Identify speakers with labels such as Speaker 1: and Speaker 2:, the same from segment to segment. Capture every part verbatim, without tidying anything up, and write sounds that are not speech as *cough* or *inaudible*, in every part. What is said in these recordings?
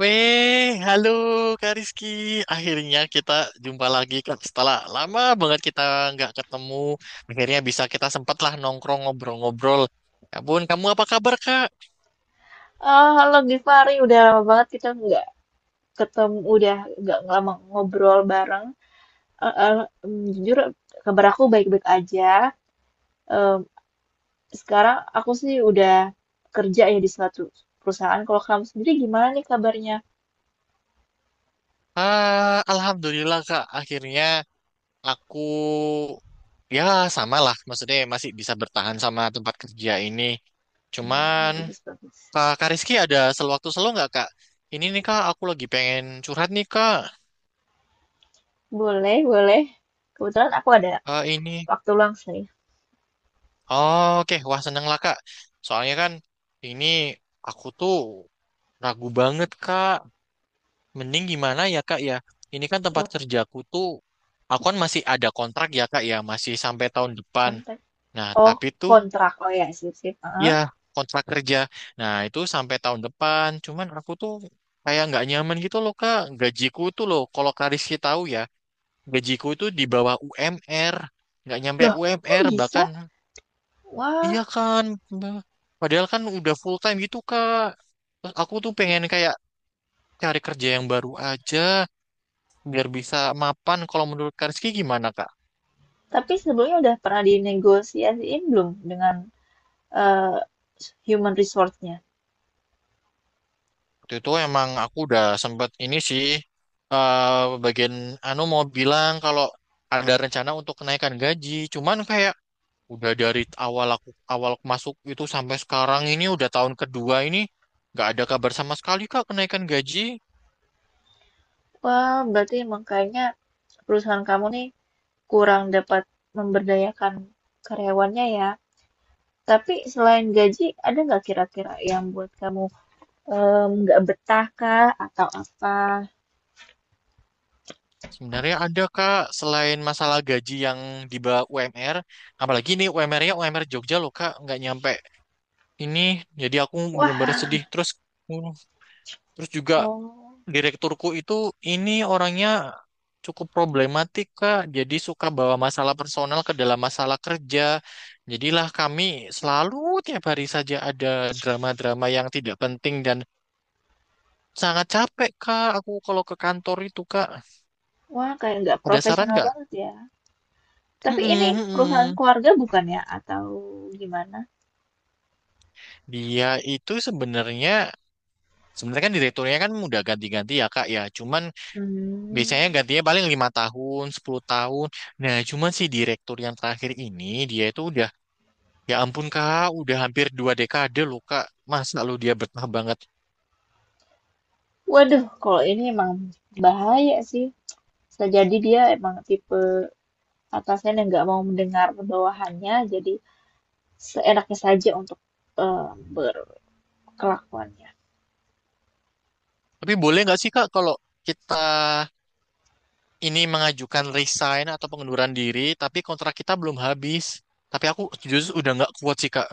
Speaker 1: Weh, halo Kak Rizky. Akhirnya kita jumpa lagi Kak. Setelah lama banget kita nggak ketemu, akhirnya bisa kita sempatlah nongkrong ngobrol-ngobrol. Ya ampun, kamu apa kabar Kak?
Speaker 2: Eh, halo Givari, udah lama banget kita nggak ketemu, udah nggak lama ngobrol bareng. Eh, eh, em, jujur, kabar aku baik-baik aja. Em, sekarang aku sih udah kerja ya di suatu perusahaan. Kalau kamu sendiri gimana nih kabarnya?
Speaker 1: Ah, Alhamdulillah Kak. Akhirnya aku ya sama lah. Maksudnya masih bisa bertahan sama tempat kerja ini.
Speaker 2: Hmm,
Speaker 1: Cuman
Speaker 2: bagus, bagus.
Speaker 1: Kak, Kak Rizky ada sewaktu selo nggak Kak? Ini nih Kak, aku lagi pengen curhat nih Kak.
Speaker 2: Boleh, boleh. Kebetulan aku ada
Speaker 1: Ah, ini.
Speaker 2: waktu luang sih.
Speaker 1: Oh, oke, wah seneng lah Kak. Soalnya kan ini aku tuh ragu banget Kak. Mending gimana ya Kak ya? Ini kan tempat
Speaker 2: Loh,
Speaker 1: kerjaku tuh, aku kan masih ada kontrak ya Kak ya, masih sampai tahun depan.
Speaker 2: kontak.
Speaker 1: Nah,
Speaker 2: Oh,
Speaker 1: tapi tuh
Speaker 2: kontrak. Oh ya, sip, sip.
Speaker 1: ya
Speaker 2: Heeh.
Speaker 1: kontrak kerja. Nah, itu sampai tahun depan. Cuman aku tuh kayak nggak nyaman gitu loh Kak. Gajiku tuh loh, kalau Kak Rizky tahu ya, gajiku itu di bawah U M R. Nggak nyampe
Speaker 2: Loh, kok
Speaker 1: U M R bahkan.
Speaker 2: bisa? Wah,
Speaker 1: Iya kan, Mbak. Padahal kan udah full time gitu Kak. Terus aku tuh pengen kayak cari kerja yang baru aja biar bisa mapan. Kalau menurut Kak Rizky gimana Kak?
Speaker 2: tapi sebelumnya udah pernah dinegosiasiin belum dengan eh, human resource-nya.
Speaker 1: Waktu itu emang aku udah sempet ini sih eh bagian anu mau bilang kalau ada rencana untuk kenaikan gaji. Cuman kayak udah dari awal aku awal aku masuk itu sampai sekarang ini udah tahun kedua ini nggak ada kabar sama sekali Kak kenaikan gaji.
Speaker 2: Wah, berarti emang kayaknya perusahaan kamu nih kurang dapat memberdayakan karyawannya ya. Tapi selain gaji, ada nggak kira-kira yang buat kamu em, nggak betah kah atau apa?
Speaker 1: Sebenarnya ada Kak, selain masalah gaji yang di bawah U M R, apalagi ini U M R-nya U M R Jogja loh Kak, nggak nyampe ini, jadi aku bener-bener
Speaker 2: Wah,
Speaker 1: sedih. Terus, uh, terus juga
Speaker 2: oh,
Speaker 1: direkturku itu ini orangnya cukup problematik Kak, jadi suka bawa masalah personal ke dalam masalah kerja. Jadilah kami selalu tiap hari saja ada drama-drama yang tidak penting dan sangat capek Kak, aku kalau ke kantor itu Kak.
Speaker 2: wah kayak nggak
Speaker 1: Ada saran
Speaker 2: profesional
Speaker 1: nggak?
Speaker 2: banget ya.
Speaker 1: Mm-mm,
Speaker 2: Tapi ini perusahaan
Speaker 1: mm-mm.
Speaker 2: keluarga bukan ya atau gimana?
Speaker 1: Dia itu sebenarnya sebenarnya kan direkturnya kan udah ganti-ganti ya Kak ya. Cuman biasanya
Speaker 2: Hmm,
Speaker 1: gantinya paling lima tahun, sepuluh tahun. Nah, cuman si direktur yang terakhir ini dia itu udah, ya ampun Kak, udah hampir dua dekade loh Kak. Masa lu dia betah banget.
Speaker 2: waduh, kalau ini emang bahaya sih. Bisa jadi dia emang tipe atasan yang nggak mau mendengar bawahannya, jadi seenaknya saja untuk eh, berkelakuannya.
Speaker 1: Tapi boleh nggak sih Kak kalau kita ini mengajukan resign atau pengunduran diri tapi kontrak kita belum habis. Tapi aku justru udah nggak kuat sih Kak.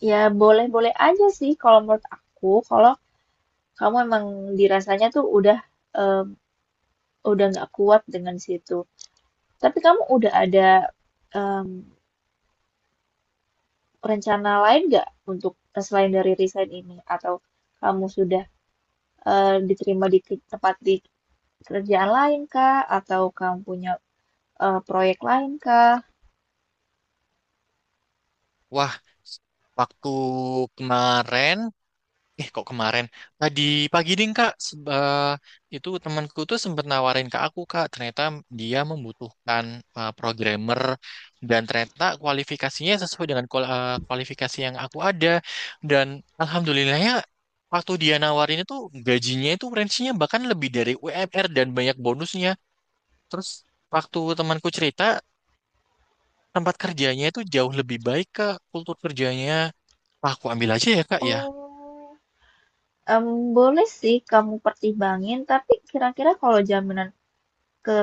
Speaker 2: Ya boleh-boleh aja sih kalau menurut aku, kalau kamu emang dirasanya tuh udah em, udah nggak kuat dengan situ. Tapi kamu udah ada em, rencana lain nggak untuk eh, selain dari resign ini? Atau kamu sudah eh, diterima di ke- tempat di kerjaan lain kah? Atau kamu punya eh, proyek lain kah?
Speaker 1: Wah, waktu kemarin, Eh kok kemarin tadi pagi ding kak, seb- eh, itu temanku tuh sempet nawarin ke aku kak, ternyata dia membutuhkan eh, programmer dan ternyata kualifikasinya sesuai dengan kual- eh, kualifikasi yang aku ada, dan alhamdulillahnya waktu dia nawarin itu gajinya itu range-nya bahkan lebih dari U M R dan banyak bonusnya. Terus waktu temanku cerita, tempat kerjanya itu jauh lebih baik kak, kultur kerjanya. Wah, aku ambil aja ya kak ya.
Speaker 2: Oh. em boleh sih kamu pertimbangin, tapi kira-kira kalau jaminan ke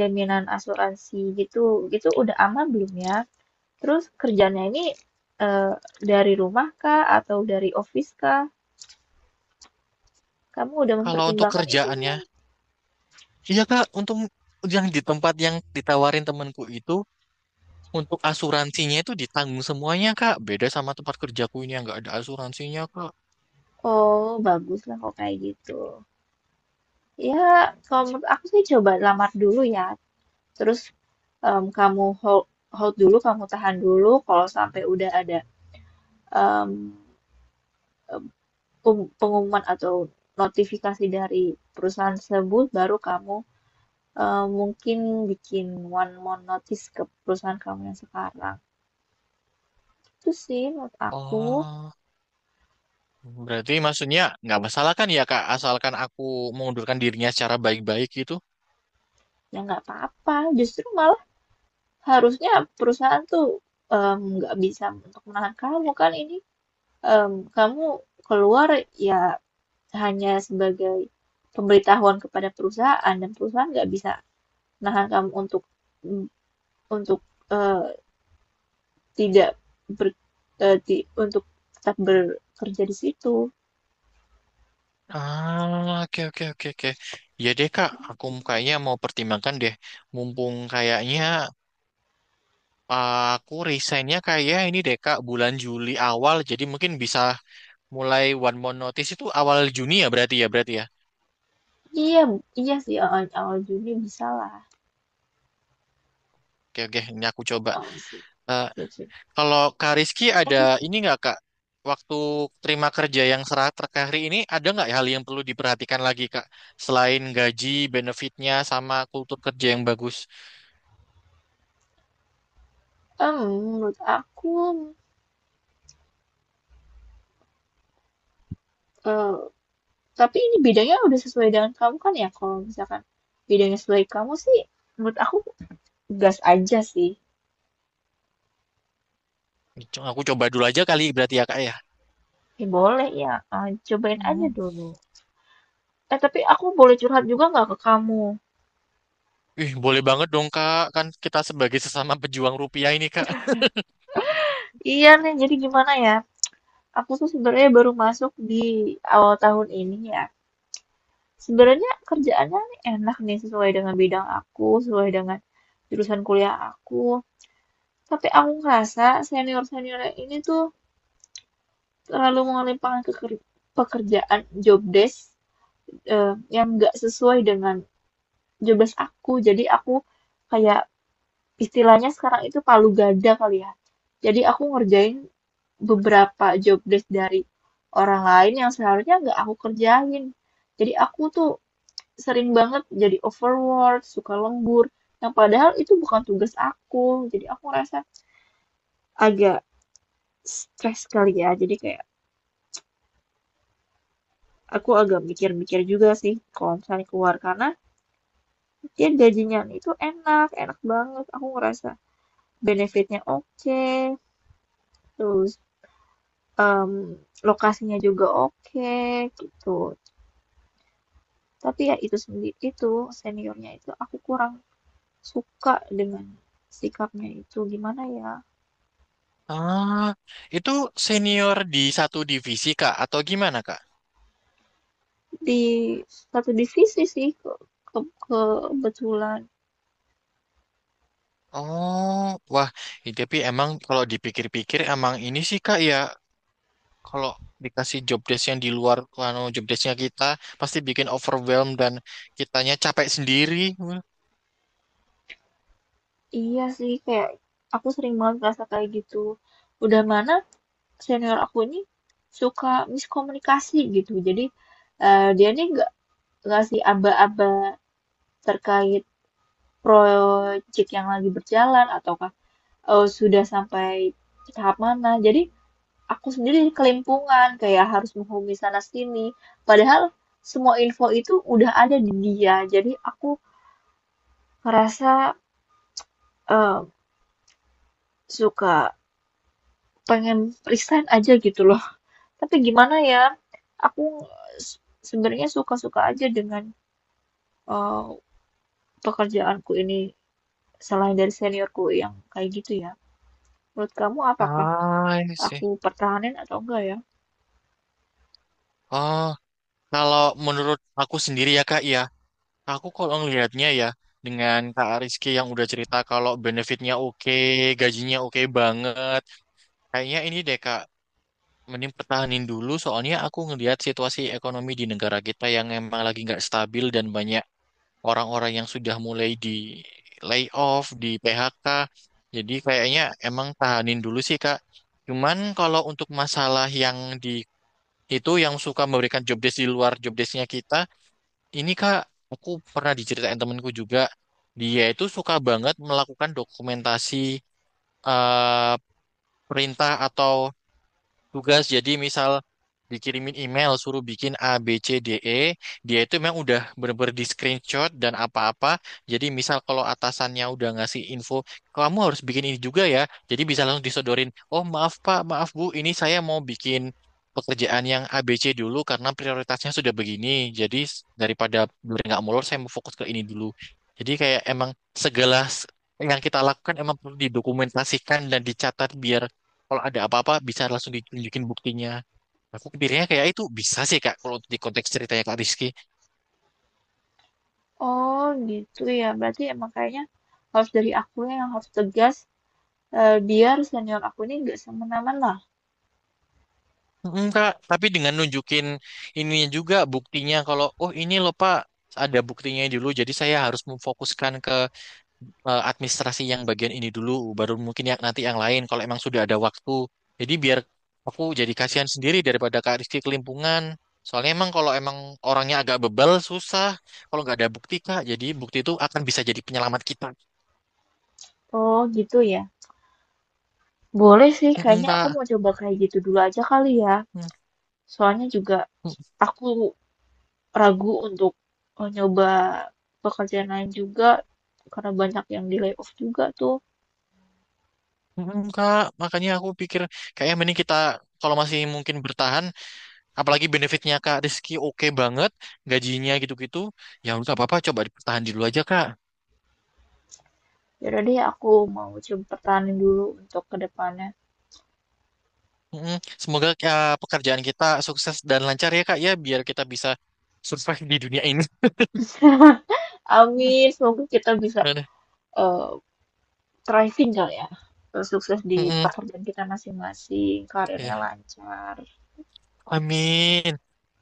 Speaker 2: jaminan asuransi gitu gitu udah aman belum ya? Terus kerjanya ini, eee, dari rumah kah atau dari office kah? Kamu udah
Speaker 1: Kalau untuk
Speaker 2: mempertimbangkan itu
Speaker 1: kerjaannya,
Speaker 2: belum?
Speaker 1: iya Kak, untung yang di tempat yang ditawarin temanku itu untuk asuransinya itu ditanggung semuanya Kak. Beda sama tempat kerjaku ini yang nggak ada asuransinya Kak.
Speaker 2: Oh, bagus lah kalau kayak gitu. Ya, kalau menurut aku sih coba lamar dulu ya, terus, mmm, kamu hold hold dulu, kamu tahan dulu, kalau sampai udah ada, mmm um- pengumuman atau notifikasi dari perusahaan tersebut, baru kamu eh, mungkin bikin one more notice ke perusahaan kamu yang sekarang. Itu sih menurut aku,
Speaker 1: Oh, berarti maksudnya nggak masalah kan ya Kak, asalkan aku mengundurkan dirinya secara baik-baik gitu.
Speaker 2: ya nggak apa-apa. Justru malah harusnya perusahaan tuh em, nggak bisa untuk menahan kamu kan ini em, kamu keluar ya hanya sebagai pemberitahuan kepada perusahaan dan perusahaan nggak bisa nahan kamu untuk untuk eh, tidak ber, eh, di- untuk tetap bekerja di situ.
Speaker 1: Ah, oke oke oke oke. Ya deh Kak, aku kayaknya mau pertimbangkan deh. Mumpung kayaknya aku resignnya kayak ini deh Kak, bulan Juli awal, jadi mungkin bisa. Mulai one month notice itu awal Juni ya berarti ya berarti ya.
Speaker 2: Iya, iya sih awal, awal Juni bisa lah.
Speaker 1: Oke oke, ini aku coba.
Speaker 2: Oh, sip,
Speaker 1: Eh,
Speaker 2: sip, sip.
Speaker 1: kalau Kak Rizky ada
Speaker 2: Itu
Speaker 1: ini nggak Kak? Waktu terima kerja yang serah terakhir hari ini ada nggak hal yang perlu diperhatikan lagi Kak? Selain gaji, benefitnya, sama kultur kerja yang bagus.
Speaker 2: em, menurut aku eh, tapi ini bidangnya udah sesuai dengan kamu kan ya? Kalau misalkan bidangnya sesuai kamu sih, menurut aku gas aja sih.
Speaker 1: Co- Aku coba dulu aja kali berarti ya Kak ya.
Speaker 2: Ya boleh ya, eh, cobain aja
Speaker 1: Hmm.
Speaker 2: dulu. Eh tapi aku boleh curhat juga nggak ke kamu?
Speaker 1: Ih, boleh banget dong Kak. Kan kita sebagai sesama pejuang rupiah ini Kak.
Speaker 2: Iya nih, jadi gimana ya? Aku tuh sebenarnya baru masuk di awal tahun ini ya. Sebenarnya kerjaannya nih enak nih, sesuai dengan bidang aku, sesuai dengan jurusan kuliah aku. Tapi aku ngerasa senior-senior yang ini tuh terlalu mengelimpangkan ke ker- pekerjaan job desk eh, yang nggak sesuai dengan job desk aku. Jadi aku kayak istilahnya sekarang itu palu gada kali ya. Jadi aku ngerjain beberapa job desk dari orang lain yang seharusnya nggak aku kerjain. Jadi aku tuh sering banget jadi overwork, suka lembur. Yang padahal itu bukan tugas aku. Jadi aku ngerasa agak stres kali ya. Jadi kayak aku agak mikir-mikir juga sih kalau misalnya keluar karena dia gajinya itu enak, enak banget. Aku ngerasa benefitnya oke, terus em, lokasinya juga oke gitu. Tapi ya itu sendiri itu seniornya itu aku kurang suka dengan sikapnya itu gimana ya?
Speaker 1: Ah, itu senior di satu divisi Kak atau gimana Kak?
Speaker 2: Di satu divisi sih ke, ke- kebetulan.
Speaker 1: Oh, wah, i- tapi emang kalau dipikir-pikir emang ini sih Kak ya, kalau dikasih job desk yang di luar anu job desknya kita pasti bikin overwhelm dan kitanya capek sendiri.
Speaker 2: Iya sih kayak aku sering banget ngerasa kayak gitu. Udah mana senior aku ini suka miskomunikasi gitu. Jadi eh, dia nih nggak ngasih aba-aba terkait proyek yang lagi berjalan ataukah eh, sudah sampai tahap mana. Jadi aku sendiri kelimpungan kayak harus menghubungi sana sini. Padahal semua info itu udah ada di dia. Jadi aku ngerasa, eee, suka pengen resign aja gitu loh. Tapi gimana ya, aku se sebenarnya suka-suka aja dengan, eee, pekerjaanku ini selain dari seniorku yang kayak gitu ya. Menurut kamu apakah
Speaker 1: Ah, ini sih.
Speaker 2: aku pertahanin atau enggak ya?
Speaker 1: Oh, kalau menurut aku sendiri ya Kak ya, aku kalau ngelihatnya ya dengan Kak Rizky yang udah cerita kalau benefitnya oke, gajinya oke banget. Kayaknya ini deh Kak, mending pertahanin dulu, soalnya aku ngelihat situasi ekonomi di negara kita yang emang lagi nggak stabil dan banyak orang-orang yang sudah mulai di layoff, di P H K. Jadi kayaknya emang tahanin dulu sih, Kak. Cuman kalau untuk masalah yang di itu yang suka memberikan job desk di luar job desknya kita, ini Kak, aku pernah diceritain temenku juga, dia itu suka banget melakukan dokumentasi eh, perintah atau tugas. Jadi misal dikirimin email suruh bikin A B C D E, dia itu memang udah bener-bener di screenshot dan apa-apa. Jadi misal kalau atasannya udah ngasih info kamu harus bikin ini juga ya, jadi bisa langsung disodorin, oh maaf Pak maaf Bu, ini saya mau bikin pekerjaan yang A B C dulu karena prioritasnya sudah begini, jadi s- daripada biar nggak molor, saya mau fokus ke ini dulu. Jadi kayak emang segala s- yang kita lakukan emang perlu didokumentasikan dan dicatat biar kalau ada apa-apa bisa langsung ditunjukin buktinya. Nah, aku pikirnya kayak "Ah, itu bisa sih Kak kalau di konteks ceritanya Kak Rizky."
Speaker 2: Oh gitu ya, berarti emang kayaknya harus dari akunya yang harus tegas, eee, biar senior aku ini nggak semena-mena.
Speaker 1: Mm, Kak, tapi dengan nunjukin ininya juga buktinya kalau oh ini loh Pak, ada buktinya dulu jadi saya harus memfokuskan ke eh, administrasi yang bagian ini dulu, baru mungkin yang nanti yang lain kalau emang sudah ada waktu. Jadi biar aku jadi kasihan sendiri daripada Kak Rizky kelimpungan. Soalnya emang kalau emang orangnya agak bebal, susah kalau nggak ada bukti Kak. Jadi bukti itu akan bisa jadi penyelamat kita.
Speaker 2: Oh gitu ya. Boleh sih
Speaker 1: Mm,
Speaker 2: kayaknya aku
Speaker 1: Pak.
Speaker 2: mau coba kayak gitu dulu aja kali ya. Soalnya juga
Speaker 1: Mm,
Speaker 2: aku ragu untuk eh, nyoba pekerjaan lain juga karena banyak yang di layoff juga tuh.
Speaker 1: Kak, makanya aku pikir kayaknya mending kita kalau masih mungkin bertahan, apalagi benefitnya Kak Rizky oke banget, gajinya gitu-gitu, ya udah nggak apa-apa coba dipertahan dulu aja Kak.
Speaker 2: Ya udah deh, aku mau coba pertahanin dulu untuk kedepannya.
Speaker 1: Mm, semoga eh, pekerjaan kita sukses dan lancar ya Kak ya, biar kita bisa survive di dunia ini.
Speaker 2: Amin,
Speaker 1: *laughs*
Speaker 2: semoga kita bisa
Speaker 1: Aduh,
Speaker 2: eh, thriving kali ya. Eh, sukses di
Speaker 1: mm-mm.
Speaker 2: pekerjaan kita masing-masing, karirnya
Speaker 1: Ya,
Speaker 2: lancar.
Speaker 1: Amin.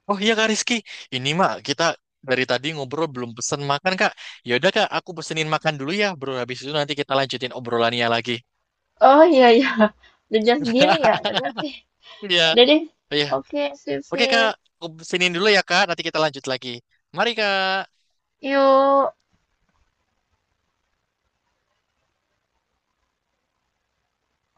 Speaker 1: Oh iya Kak Rizky, ini mah kita dari tadi ngobrol belum pesen makan Kak. Ya udah Kak, aku pesenin makan dulu ya, bro. Habis itu nanti kita lanjutin obrolannya lagi.
Speaker 2: Oh iya iya, udah jam segini ya.
Speaker 1: *laughs*
Speaker 2: Ya udah oke,
Speaker 1: Iya.
Speaker 2: udah deh.
Speaker 1: Oh iya.
Speaker 2: Oke, sip
Speaker 1: Oke,
Speaker 2: sip.
Speaker 1: Kak. Aku siniin dulu ya, Kak. Nanti kita lanjut lagi. Mari, Kak.
Speaker 2: Yuk.